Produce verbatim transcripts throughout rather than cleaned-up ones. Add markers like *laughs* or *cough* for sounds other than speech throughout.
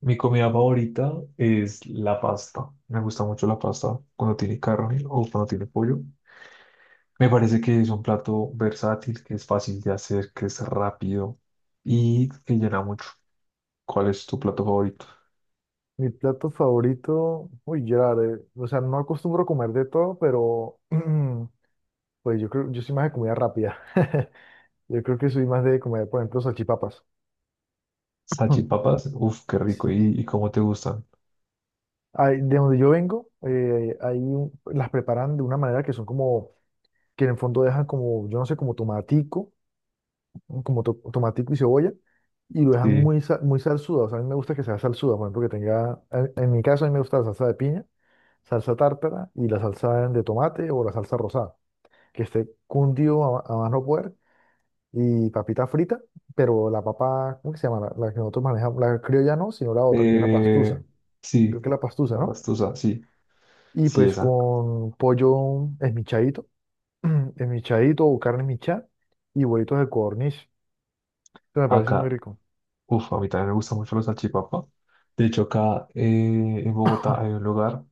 Mi comida favorita es la pasta. Me gusta mucho la pasta cuando tiene carne o cuando tiene pollo. Me parece que es un plato versátil, que es fácil de hacer, que es rápido y que llena mucho. ¿Cuál es tu plato favorito? Mi plato favorito, uy, Gerard, eh, o sea, no acostumbro comer de todo, pero *clears throat* pues yo creo, yo soy más de comida rápida. *laughs* Yo creo que soy más de comer, por ejemplo, salchipapas. *clears throat* Salchipapas, uf, qué rico. Sí. ¿Y, y cómo te gustan? Ay, de donde yo vengo, eh, ahí las preparan de una manera que son como, que en el fondo dejan como, yo no sé, como tomatico, como to- tomatico y cebolla, y lo dejan Sí. muy, sa- muy salsuda. O sea, a mí me gusta que sea salsuda, por ejemplo, que tenga, en, en mi caso a mí me gusta la salsa de piña, salsa tártara y la salsa de tomate o la salsa rosada. Que esté cundido a, a más no poder, y papita frita, pero la papa, ¿cómo que se llama? La, la que nosotros manejamos, la criolla no, sino la otra, que es la Eh, pastusa, creo sí, que es la pastusa, la ¿no? pastusa, sí, Y sí, pues esa. con pollo esmichadito, *clears throat* esmichadito o carne michá y huevitos de codorniz. Eso me parece muy Acá rico. uf, a mí también me gusta mucho la salchipapa. De hecho, acá eh, en Bogotá hay *laughs* un lugar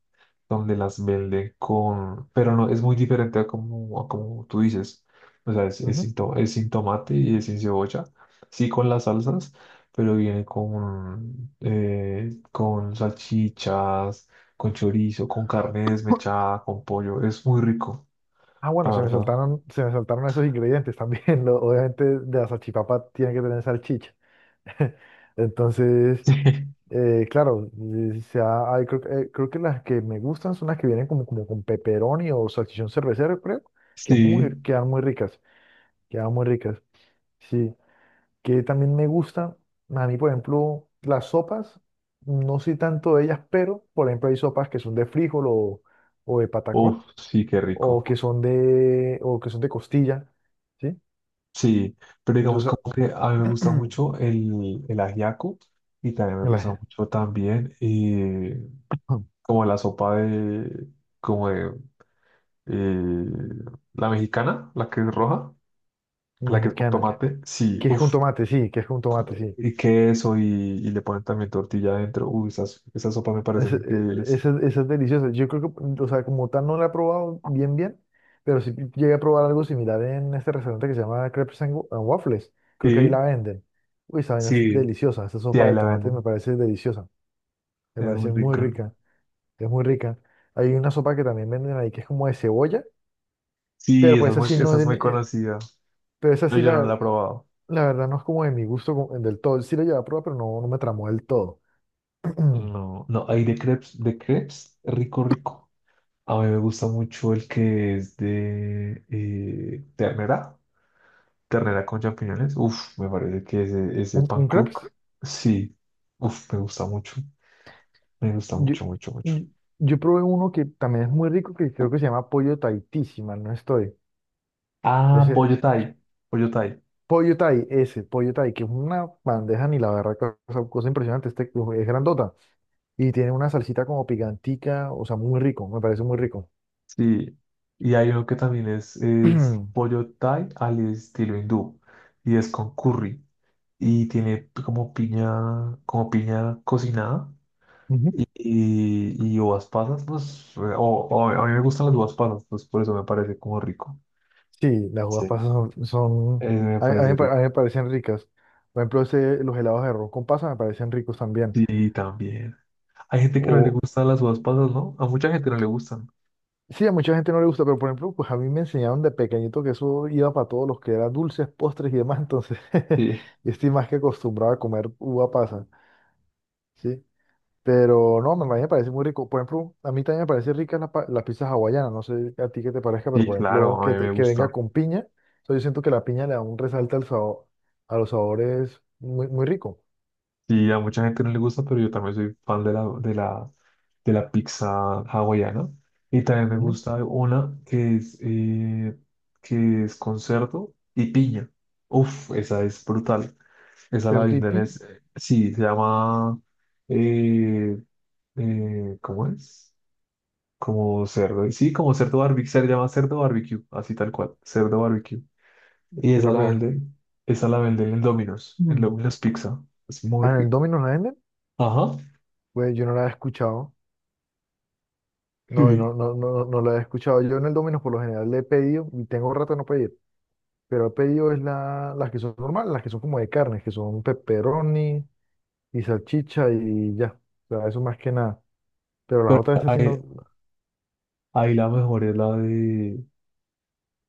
donde las venden con... Pero no, es muy diferente a como, a como tú dices. O sea, es, es, Ujú. sin to- es sin tomate y es sin cebolla. Sí con las salsas, pero viene con, eh, con salchichas, con chorizo, con carne desmechada, con pollo. Es muy rico, Ah, la bueno, se me verdad. saltaron, se me saltaron esos ingredientes también. *laughs* Lo- obviamente de la salchipapa tiene que tener salchicha. *laughs* Entonces, *laughs* Eh, claro, eh, se ha- hay- creo, que eh, creo que las que me gustan son las que vienen como, como con pepperoni o salchichón cervecero, creo, que Sí, muy, sí. quedan muy ricas, quedan muy ricas. Sí, que también me gustan, a mí, por ejemplo, las sopas, no soy tanto de ellas, pero, por ejemplo, hay sopas que son de frijol o, o de patacón, Uf, sí, qué o rico. que son de, o que son de costilla, ¿sí? Sí, pero digamos Entonces, como que a mí me gusta *clears throat* mucho el, el ajiaco y también me gusta la mucho también eh, *clears throat* como la sopa de, como de eh, la mexicana, la que es roja, la que es con mexicana, tomate, sí, que es con uff, tomate, sí, que es con tomate, sí. y queso y, y le ponen también tortilla adentro, uy, esas, esas sopas me parecen increíbles. Esa es, es deliciosa. Yo creo que, o sea, como tal no la he probado bien, bien, pero sí llegué a probar algo similar en este restaurante que se llama Crepes and Wa- and Waffles. Creo que ahí la Sí, venden. Uy, esa vaina es sí, deliciosa. Esa sí, sopa ahí de la tomate me venden, parece deliciosa. Me es muy parece muy rica. rica. Es muy rica. Hay una sopa que también venden ahí que es como de cebolla, pero Sí, esa pues es esa muy, sí no esa es es de mi, muy eh, conocida, pero esa pero sí yo no la, la he probado. la verdad no es como de mi gusto como- del todo. Sí la llevé a probar, pero no, no me tramó del todo. *clears throat* ¿Un, No, no, hay de crepes, de crepes, rico, rico. A mí me gusta mucho el que es de eh, ternera, ternera con champiñones. Uf, me parece que ese, ese pan ¿un crepes? cook, sí, uf, me gusta mucho, me gusta Yo, mucho, mucho, mucho. yo, yo probé uno que también es muy rico, que creo que se llama pollo Tahití, si mal no estoy. Ah, Ese, pollo Thai, pollo Thai, pollo Thai, ese, pollo Thai, que es una bandeja ni la verdad, cosa, cosa impresionante, este, es grandota. Y tiene una salsita como picantica, o sea, muy rico, me parece muy rico. sí. Y hay uno que también es, *clears throat* es Ujú. pollo Thai al estilo hindú y es con curry y tiene como piña, como piña cocinada. Y, y uvas pasas, pues, eh, o, o a mí me gustan las uvas pasas, pues por eso me parece como rico. Sí, las Sí. uvas pasas son, Eh, son- me a, a mí, parece me pa- a mí rico. me parecen ricas. Por ejemplo, ese- los helados de arroz con pasas me parecen ricos también. Sí, también. Hay gente que no le O, gustan las uvas pasas, ¿no? A mucha gente no le gustan. Sí, a mucha gente no le gusta, pero por ejemplo, pues a mí me enseñaron de pequeñito que eso iba para todos los que eran dulces, postres y demás, entonces *laughs* Sí, yo estoy más que acostumbrado a comer uva pasa, ¿sí? Pero no, me, a mí me parece muy rico. Por ejemplo, a mí también me parece rica la, pa- la pizza hawaiana, no sé a ti qué te parezca, pero sí, por ejemplo, claro, a que, mí me te- que gusta. venga con piña, o sea, yo siento que la piña le da un resalte al sabor, a los sabores muy, muy rico. Sí, a mucha gente no le gusta, pero yo también soy fan de la, de la, de la pizza hawaiana. Y también me Ujú. gusta una que es, eh, que es con cerdo y piña. Uf, esa es brutal. Esa la Cerdo y venden, piña, es, eh, sí, se llama, eh, eh, ¿cómo es? Como cerdo, sí, como cerdo barbecue, se llama cerdo barbecue, así tal cual, cerdo barbecue. Y si es esa la la primera. venden, esa la venden en Domino's, en Mm. Domino's Pizza. Es muy Ah, ¿en el rico. Domino's la venden? Ajá. Pues yo no la he escuchado. No, Sí. no, no, no, no la he escuchado. Yo en el Domino's por lo general le he pedido, y tengo rato de no pedir, pero he pedido es la, las que son normales, las que son como de carnes que son pepperoni y salchicha y ya. O sea, eso más que nada. Pero las Pero otras esas sí ahí, no. ahí la mejor es la de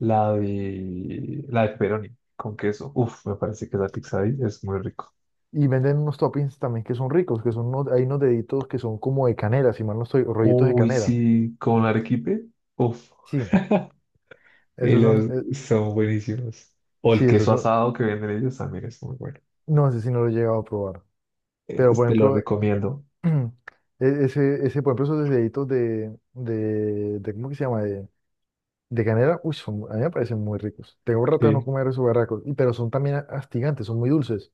la de la de pepperoni con queso. Uf, me parece que la pizza ahí es muy rico. Y venden unos toppings también que son ricos, que son unos, hay unos deditos que son como de canela, si mal no estoy, o rollitos de Uy, canela. sí, con arequipe. Uf, Sí, y esos son, los eh, son buenísimos. O sí, el esos queso son, asado que venden ellos también es muy bueno. no sé si no lo he llegado a probar. Pero por Este lo ejemplo, recomiendo. *clears throat* e- ese, ese, por ejemplo, esos deditos de, de, de, ¿cómo que se llama? De, De canela, uy, son, a mí me parecen muy ricos. Tengo rato de no Sí. comer esos barracos, y, pero son también astigantes, son muy dulces.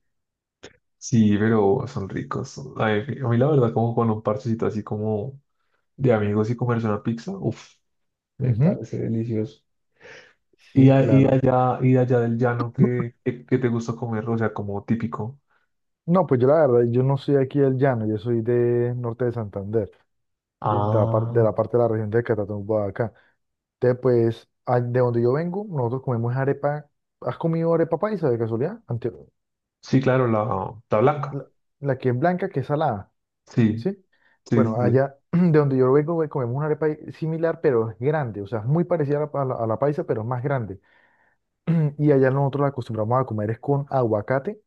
Sí, pero son ricos. Son, a mí, a mí la verdad, como con un parchecito así como de amigos y comerse una pizza, uf, me Ujú. parece delicioso. Y, Sí, a- y claro. allá, y allá del llano, ¿qué, qué, qué te gusta comer? O sea, como típico. No, pues yo la verdad, yo no soy aquí del llano, yo soy de norte de Santander, ¿sí? De la, par- Ah, de la parte de la región de Catatumbo, Boyacá. Entonces, pues, a- de donde yo vengo, nosotros comemos arepa. ¿Has comido arepa paisa de casualidad? Ante- sí, claro, la, la blanca. la, la que es blanca, que es salada, Sí, ¿sí? sí, sí, Bueno, sí. allá *clears throat* de donde yo vengo, güey, comemos una arepa similar, pero es grande, o sea, es muy parecida a la, a la- a la paisa, pero es más grande. *clears throat* Y allá nosotros la acostumbramos a comer es con aguacate,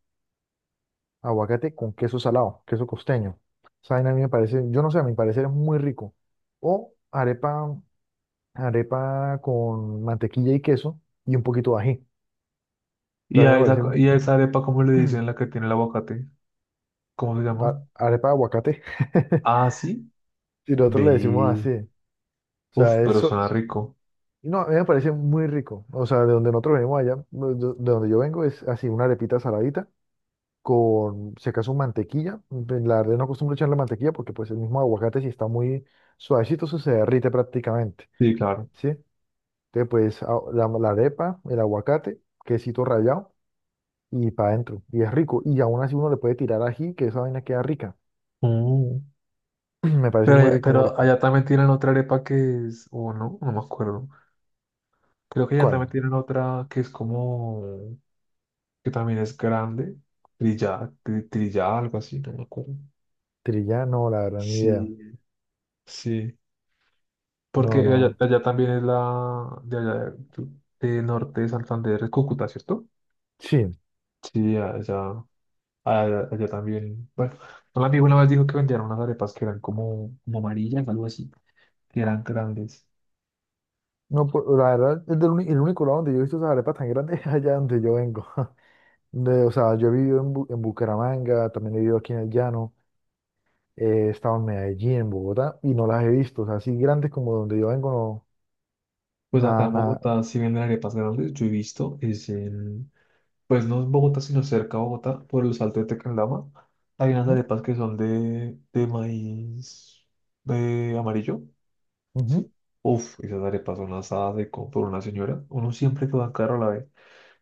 aguacate con queso salado, queso costeño. Esa vaina a mí me parece, yo no sé, a mi parecer es muy rico. O arepa, arepa con mantequilla y queso y un poquito de ají. ¿Y También a me esa, parece un- y a esa arepa, cómo le dicen *clears throat* la que tiene el aguacate? ¿Cómo se llama? a- arepa de aguacate. *laughs* Ah, sí. Si nosotros le decimos Ve. así. O Uf, sea, pero eso, suena rico. no, a mí me parece muy rico. O sea, de donde nosotros venimos allá, de de donde yo vengo, es así, una arepita saladita con, si acaso, mantequilla. Pues, la verdad no acostumbro echarle mantequilla porque pues el mismo aguacate si está muy suavecito eso se derrite prácticamente, Sí, claro. ¿sí? Entonces pues a- la, la arepa, el aguacate, quesito rallado y para adentro. Y es rico. Y aún así uno le puede tirar ají, que esa vaina queda rica. Mm. *clears throat* Me parece Pero, muy allá- rico, muy pero rico. allá también tienen otra arepa que es, o no, no me acuerdo. Creo que allá ¿Cuál? también tienen otra que es como, que también es grande, trillada, tri- trillada, algo así, no me acuerdo. Trilla, no, la verdad, ni idea. Sí, sí, porque No, allá, no. allá también es la de allá de de norte de Santander, es Cúcuta, ¿cierto? Sí. Sí, allá, allá, allá también. Bueno, un amigo una vez dijo que vendían unas arepas que eran como, como amarillas, algo así, que eran grandes. No, pu- la verdad, es del uni- el único lado donde yo he visto esas arepas tan grandes *laughs* es allá donde yo vengo. *laughs* De- o sea, yo he vivido en, Bu- en Bucaramanga, también he vivido aquí en el Llano. He estado en Medellín, en Bogotá, y no las he visto. O sea, así grandes como donde yo vengo, no. Pues acá Nada, en nada. Bogotá sí venden arepas grandes, yo he visto, es en, pues no en Bogotá, sino cerca de Bogotá, por el Salto de Tequendama. Hay unas Ujú, arepas que son de, de maíz de amarillo. ujú. Sí. Uf, esas arepas son asadas de compro una señora. Uno siempre que va a caro la ve.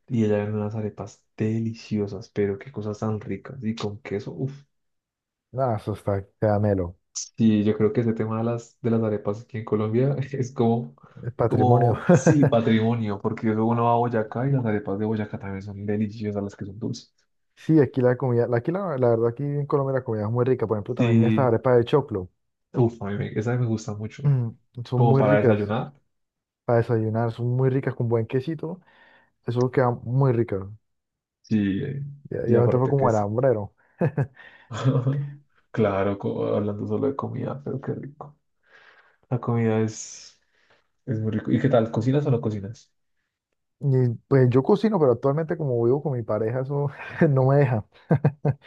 Y ella vende unas arepas deliciosas, pero qué cosas tan ricas. Y con queso, uf. Nada, eso está caramelo. Sí, yo creo que ese tema de las, de las arepas aquí en Colombia *laughs* es como, Es patrimonio. como, sí, *laughs* patrimonio, porque luego uno va a Boyacá y las arepas de Boyacá también son deliciosas, las que son dulces. Sí, aquí la comida, la- aquí la, la verdad, aquí en Colombia la comida es muy rica. Por ejemplo, también estas Sí, arepas de choclo. *clears throat* uf, a mí me, esa me gusta mucho. Mm, son Como muy para ricas desayunar, para desayunar, son muy ricas con buen quesito. Eso queda muy rica. sí, eh, Ya, y ya me fue aparte como que el sí. hambrero. *laughs* *laughs* Claro, co- hablando solo de comida, pero qué rico. La comida es, es muy rico. ¿Y qué tal? ¿Cocinas o no cocinas? Y pues yo cocino, pero actualmente como vivo con mi pareja, eso *laughs* no me deja. *laughs*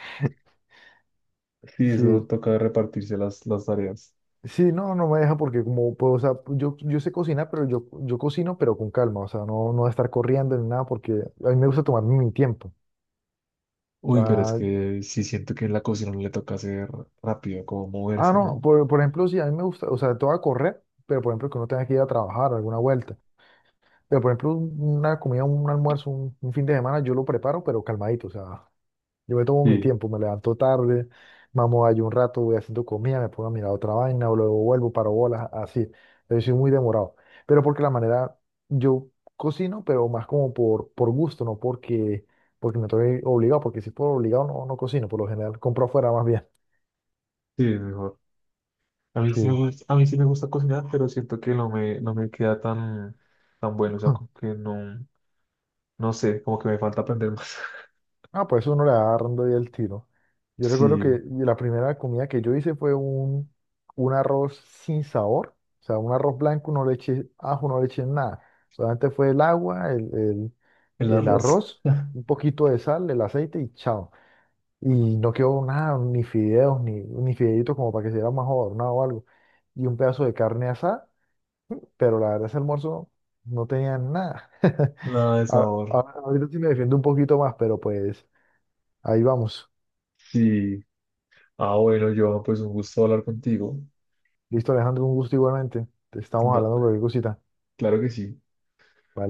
Sí, eso Sí. toca repartirse las, las tareas. Sí, no, no me deja porque como puedo, o sea, yo, yo sé cocinar, pero yo, yo cocino, pero con calma, o sea, no, no de estar corriendo ni nada porque a mí me gusta tomarme mi tiempo. O Uy, pero es sea, que sí siento que en la cocina uno le toca hacer rápido, como ah, moverse, no, ¿no? por, por ejemplo, sí, a mí me gusta, o sea, todo a correr, pero por ejemplo, que uno tenga que ir a trabajar, alguna vuelta. Pero por ejemplo, un- una comida, un almuerzo, un, un fin de semana, yo lo preparo, pero calmadito, o sea, yo me tomo mi Sí, tiempo, me levanto tarde, mamo ahí un rato, voy haciendo comida, me pongo a mirar otra vaina, o luego vuelvo, paro bolas, así. Yo soy muy demorado. Pero porque la manera, yo cocino, pero más como por, por gusto, no porque, porque me estoy obligado, porque si por obligado no, no cocino, por lo general compro afuera más bien. sí, es mejor. A mí sí me *laughs* gusta, a mí sí me gusta cocinar, pero siento que no me, no me queda tan, tan bueno. O sea, Sí. como que no, no sé, como que me falta aprender más. *laughs* Ah, pues uno le va agarrando ahí el tiro. Yo recuerdo Sí, que la primera comida que yo hice fue un, un arroz sin sabor, o sea, un arroz blanco, no le eché ajo, no le eché nada. Solamente fue el agua, el, el, el el arroz. arroz, un poquito de sal, el aceite y chao. Y no quedó nada, ni fideos, ni, ni fideitos como para que se diera más adornado o algo. Y un pedazo de carne asada, pero la verdad ese almuerzo no tenía nada. *laughs* Nada de A- sabor. a- Ahorita sí me defiendo un poquito más, pero pues ahí vamos. Sí. Ah, bueno, Johan, pues un gusto hablar contigo. Listo, Alejandro, un gusto igualmente. Te estamos No, hablando de cualquier cosita. claro que sí. Vale.